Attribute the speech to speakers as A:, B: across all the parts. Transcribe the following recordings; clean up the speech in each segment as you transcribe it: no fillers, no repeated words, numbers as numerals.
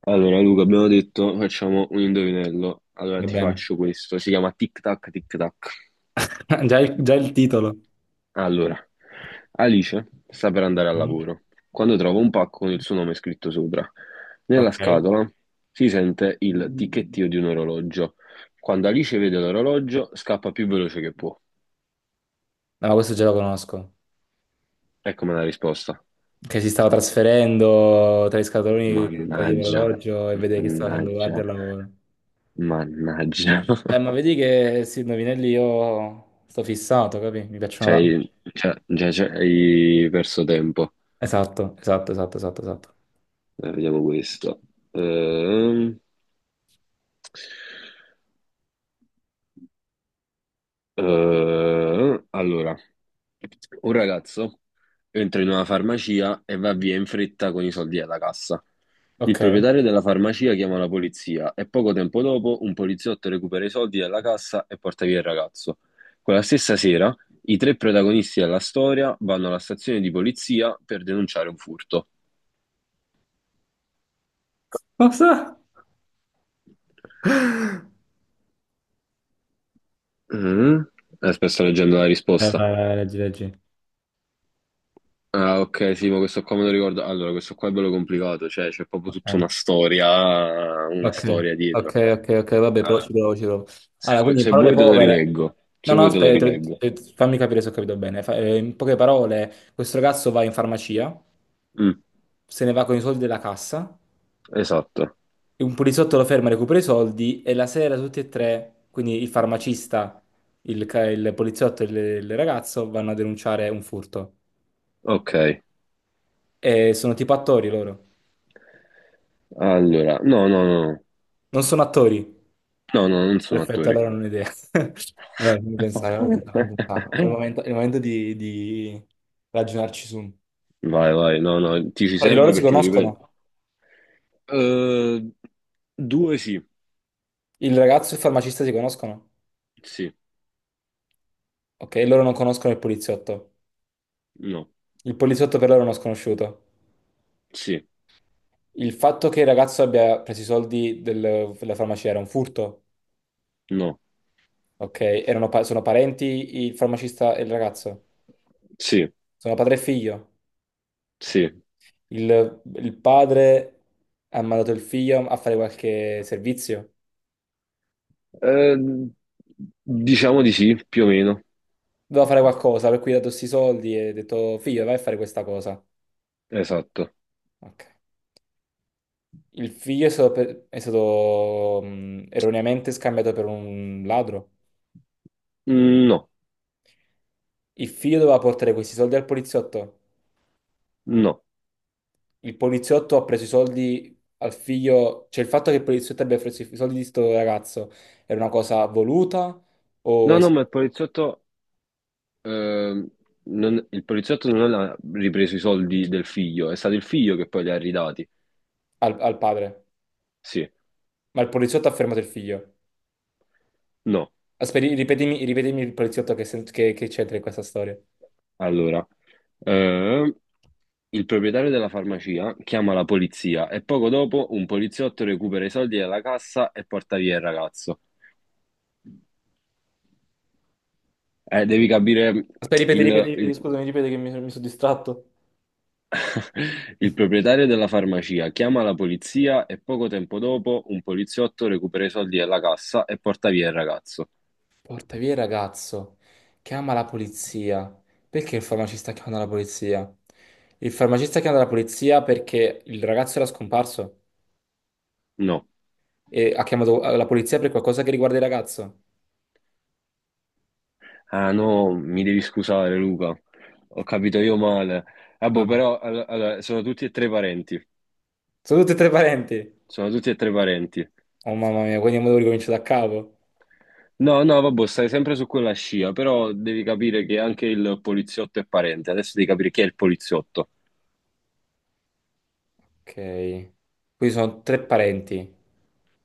A: Allora, Luca, abbiamo detto facciamo un indovinello. Allora,
B: Va
A: ti
B: bene.
A: faccio questo. Si chiama Tic Tac Tic Tac.
B: Già il titolo.
A: Allora, Alice sta per andare al
B: Mm.
A: lavoro quando trova un pacco con il suo nome scritto sopra. Nella
B: Ok.
A: scatola si sente il ticchettio di un orologio. Quando Alice vede l'orologio, scappa più veloce che può.
B: No, questo già lo conosco.
A: Ecco la risposta.
B: Che si stava trasferendo tra i scatoloni che toglieva
A: Mannaggia,
B: l'orologio e vedeva che stava facendo
A: mannaggia,
B: guardia al lavoro.
A: mannaggia.
B: Ma vedi che sì, indovinelli io sto fissato, capi? Mi piacciono da.
A: Cioè, già hai perso tempo.
B: Esatto, esatto, esatto, esatto, esatto.
A: Vediamo questo. Ehm, allora, un ragazzo entra in una farmacia e va via in fretta con i soldi alla cassa. Il
B: Ok.
A: proprietario della farmacia chiama la polizia e poco tempo dopo un poliziotto recupera i soldi dalla cassa e porta via il ragazzo. Quella stessa sera, i tre protagonisti della storia vanno alla stazione di polizia per denunciare un furto.
B: Cosa?
A: Mm. Aspetta, sto leggendo la risposta.
B: Vai, vai, vai, leggi, leggi.
A: Ah, ok, sì, ma questo qua me lo ricordo. Allora, questo qua è bello complicato, cioè c'è proprio tutta
B: Ok.
A: una
B: Ok,
A: storia
B: ok,
A: dietro.
B: ok, ok, vabbè, però ci
A: Allora,
B: provo, ci provo.
A: se
B: Allora,
A: vuoi,
B: quindi in
A: se
B: parole
A: vuoi te lo
B: povere.
A: rileggo,
B: No,
A: se
B: no,
A: vuoi te lo
B: aspetta,
A: rileggo.
B: fammi capire se ho capito bene. In poche parole, questo ragazzo va in farmacia,
A: Mm,
B: se ne va con i soldi della cassa,
A: esatto.
B: e un poliziotto lo ferma, recupera i soldi e la sera tutti e tre, quindi il farmacista, il poliziotto e il ragazzo, vanno a denunciare un furto.
A: Ok,
B: E sono tipo attori loro.
A: allora, no, no, no,
B: Non sono attori.
A: no, no, non sono
B: Perfetto,
A: attori.
B: allora non ho idea. Allora, fammi pensare, fammi pensare, fammi pensare. È il momento, è il momento di, di ragionarci su.
A: Vai, vai, no, no, ti ci
B: Fra di loro
A: serve
B: si
A: perché ti
B: conoscono.
A: ripeto. Eh, due sì,
B: Il ragazzo e il farmacista si conoscono.
A: sì,
B: Ok, loro non conoscono il poliziotto.
A: no,
B: Il poliziotto per loro è uno sconosciuto.
A: sì,
B: Il fatto che il ragazzo abbia preso i soldi della farmacia era un furto.
A: no,
B: Ok, sono parenti il farmacista e il ragazzo.
A: sì,
B: Sono padre e figlio.
A: sì.
B: Il padre ha mandato il figlio a fare qualche servizio.
A: Eh, diciamo di sì, più o meno.
B: Dovevo fare qualcosa, per cui gli ho dato questi soldi e ho detto, figlio, vai a fare questa cosa.
A: Esatto.
B: Ok. Il figlio è stato, erroneamente scambiato per un ladro.
A: Mm, no,
B: Il figlio doveva portare questi soldi al poliziotto.
A: no.
B: Il poliziotto ha preso i soldi al figlio. Cioè, il fatto che il poliziotto abbia preso i soldi di sto ragazzo era una cosa voluta o
A: No,
B: es-
A: no, ma il poliziotto, ehm, non- il poliziotto non ha ripreso i soldi del figlio, è stato il figlio che poi li ha ridati.
B: al padre?
A: Sì,
B: Ma il poliziotto ha fermato il figlio.
A: no.
B: Aspetta, ripetimi, ripetimi il poliziotto che c'entra in questa storia.
A: Allora, ehm, il proprietario della farmacia chiama la polizia e poco dopo un poliziotto recupera i soldi dalla cassa e porta via il ragazzo. Devi capire
B: Aspetta, ripeti,
A: il,
B: ripeti, ripeti,
A: il-
B: scusami, ripeti che mi sono distratto.
A: il proprietario della farmacia chiama la polizia e poco tempo dopo un poliziotto recupera i soldi dalla cassa e porta via il ragazzo.
B: Porta via il ragazzo, chiama la polizia. Perché il farmacista chiama la polizia? Il farmacista chiama la polizia perché il ragazzo era scomparso
A: No.
B: e ha chiamato la polizia per qualcosa che riguarda il ragazzo.
A: Ah no, mi devi scusare Luca, ho capito io male. Vabbè,
B: Ah,
A: però allora, sono tutti e tre parenti.
B: sono tutti e tre parenti.
A: Sono tutti e tre parenti.
B: Oh mamma mia, quindi devo ricominciare da capo.
A: No, no, vabbè, stai sempre su quella scia, però devi capire che anche il poliziotto è parente. Adesso devi capire chi è il poliziotto.
B: Ok, qui sono tre parenti.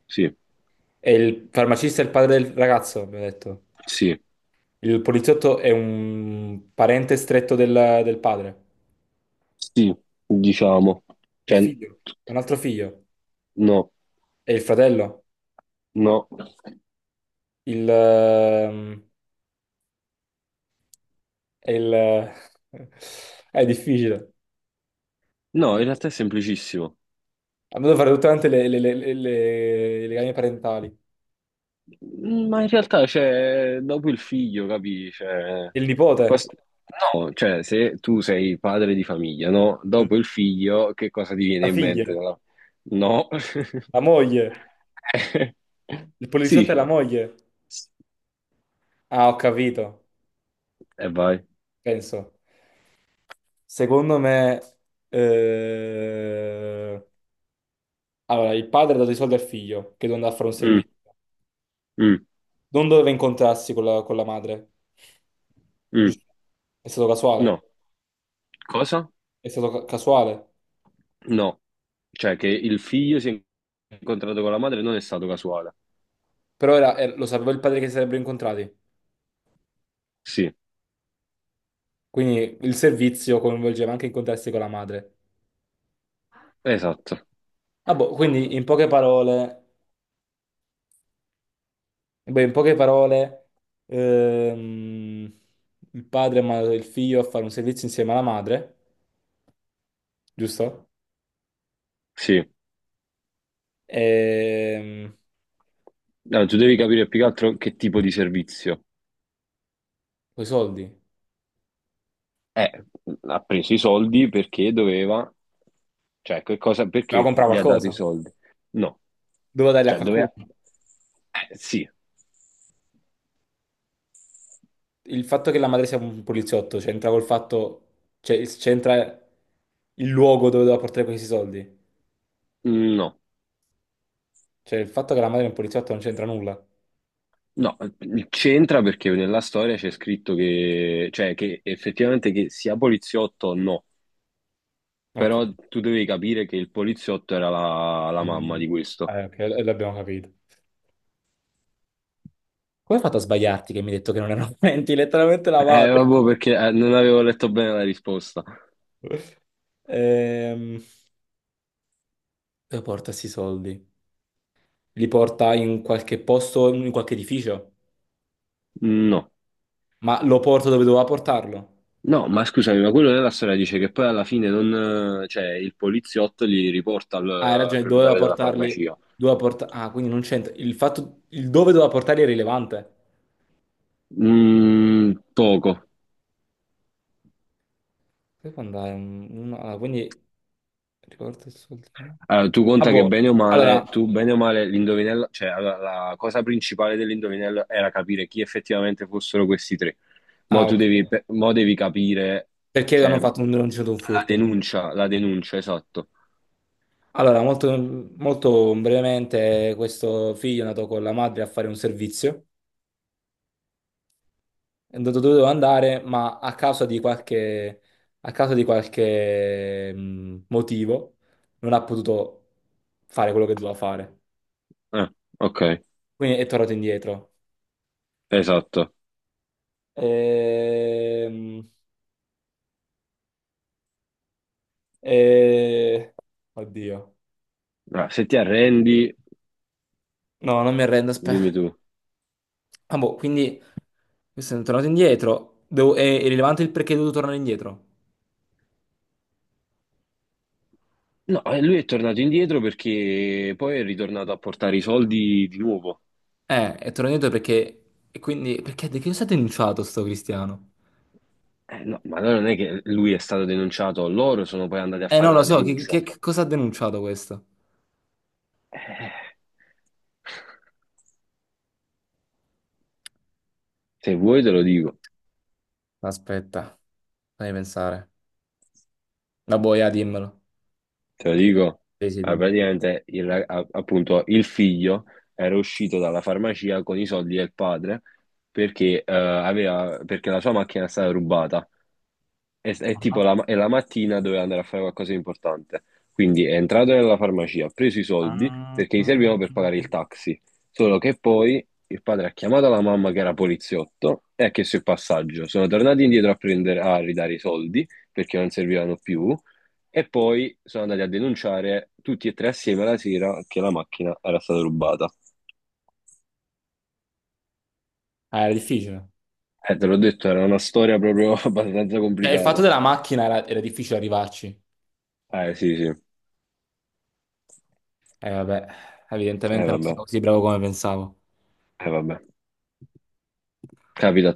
A: Sì,
B: E il farmacista è il padre del ragazzo, abbiamo detto.
A: sì,
B: Il poliziotto è un parente stretto del padre.
A: sì, diciamo.
B: Il
A: Cioè,
B: figlio, un altro figlio.
A: no,
B: E il fratello?
A: no.
B: Il, ehm, è il- è difficile.
A: No, in realtà è semplicissimo.
B: Abbiamo dovuto fare tutte quante le gambe parentali.
A: Mm, ma in realtà, cioè, dopo il figlio, capi? Cioè,
B: Il nipote,
A: cos- no, cioè, se tu sei padre di famiglia, no?
B: la
A: Dopo il figlio, che cosa ti viene in mente?
B: figlia,
A: No. No.
B: la moglie, il poliziotto e
A: Sì.
B: la moglie. Ah, ho capito,
A: E vai.
B: penso. Secondo me, eh, allora, il padre ha dato i soldi al figlio che doveva andare a fare un
A: Mm,
B: servizio.
A: mm,
B: Non doveva incontrarsi con la madre,
A: mm.
B: giusto? È stato casuale,
A: No. Cosa?
B: è stato casuale.
A: No. Cioè, che il figlio si è incontrato con la madre non è stato casuale.
B: Però lo sapeva il padre che si sarebbero incontrati.
A: Sì,
B: Quindi il servizio coinvolgeva anche incontrarsi con la madre.
A: esatto.
B: Ah, boh, quindi in poche parole, beh, in poche parole, ehm, il padre ha mandato il figlio a fare un servizio insieme alla madre, giusto?
A: Sì.
B: Ehm,
A: No, tu devi capire più che altro che tipo di servizio.
B: con i soldi.
A: Eh, ha preso i soldi perché doveva, cioè, che cosa,
B: Doveva
A: perché
B: comprare
A: gli ha dato i
B: qualcosa,
A: soldi? No,
B: doveva darli a
A: cioè,
B: qualcuno.
A: doveva, sì,
B: Il fatto che la madre sia un poliziotto c'entra col fatto, cioè c'entra il luogo dove doveva portare questi soldi.
A: no,
B: Cioè il fatto che la madre è un poliziotto non c'entra nulla.
A: no, c'entra perché nella storia c'è scritto che, cioè, che effettivamente che sia poliziotto o no,
B: Ok.
A: però tu devi capire che il poliziotto era la
B: La
A: mamma
B: madre.
A: di questo.
B: Ok, l'abbiamo capito. Come hai fatto a sbagliarti che mi hai detto che non erano 20? Letteralmente la madre.
A: Vabbè, perché non avevo letto bene la risposta.
B: Ehm, dove porta questi soldi? Li porta in qualche posto, in qualche edificio?
A: No.
B: Ma lo porta dove doveva portarlo?
A: No, ma scusami, ma quello nella storia dice che poi alla fine non, cioè, il poliziotto li riporta al,
B: Ah, hai
A: al
B: ragione, doveva
A: proprietario della
B: portarli.
A: farmacia.
B: Doveva Quindi non c'entra. Il dove doveva portarli è rilevante.
A: Mm, poco.
B: Poi può andare. Riporta i soldi.
A: Allora, tu
B: Ah,
A: conta che
B: boh.
A: bene o
B: Allora.
A: male, l'indovinello, cioè allora, la cosa principale dell'indovinello era capire chi effettivamente fossero questi tre. Mo
B: Ah,
A: tu
B: ok.
A: devi, mo devi capire,
B: Perché hanno
A: cioè,
B: fatto non c'è stato un furto?
A: la denuncia, esatto.
B: Allora, molto, molto brevemente, questo figlio è andato con la madre a fare un servizio, è andato dove doveva andare, ma a causa di qualche, a causa di qualche motivo non ha potuto fare quello che doveva fare.
A: Ah, ok,
B: Quindi è tornato indietro.
A: esatto.
B: Ehm, e- Oddio.
A: Ah, se ti arrendi,
B: No, non mi arrendo,
A: dimmi
B: aspetta.
A: tu.
B: Ah, boh, quindi questo è tornato indietro. È rilevante il perché è dovuto tornare indietro.
A: No, lui è tornato indietro perché poi è ritornato a portare i soldi di nuovo.
B: È tornato indietro perché. E quindi. Perché di che cosa ha denunciato sto Cristiano?
A: No, ma allora non è che lui è stato denunciato, loro sono poi andati a fare
B: Non lo
A: una
B: so, che,
A: denuncia.
B: che- che cosa ha denunciato questo?
A: Eh, se vuoi te lo dico,
B: Aspetta, fammi pensare. La boia, dimmelo.
A: te lo dico.
B: Sì, sì,
A: Ah,
B: dimmi.
A: praticamente appunto il figlio era uscito dalla farmacia con i soldi del padre perché, perché la sua macchina è stata rubata.
B: Ah,
A: È la mattina doveva andare a fare qualcosa di importante. Quindi è entrato nella farmacia, ha preso i soldi
B: ah.
A: perché gli servivano per pagare il taxi. Solo che poi il padre ha chiamato la mamma che era poliziotto e ha chiesto il passaggio. Sono tornati indietro a prendere, a ridare i soldi perché non servivano più. E poi sono andati a denunciare tutti e tre assieme la sera che la macchina era stata rubata.
B: Ah, era difficile.
A: Te l'ho detto, era una storia proprio abbastanza
B: Cioè, il fatto
A: complicata.
B: della macchina era difficile arrivarci.
A: Eh sì, sì.
B: Vabbè.
A: Eh
B: Evidentemente non
A: vabbè,
B: sono così bravo come pensavo.
A: eh vabbè. Capita a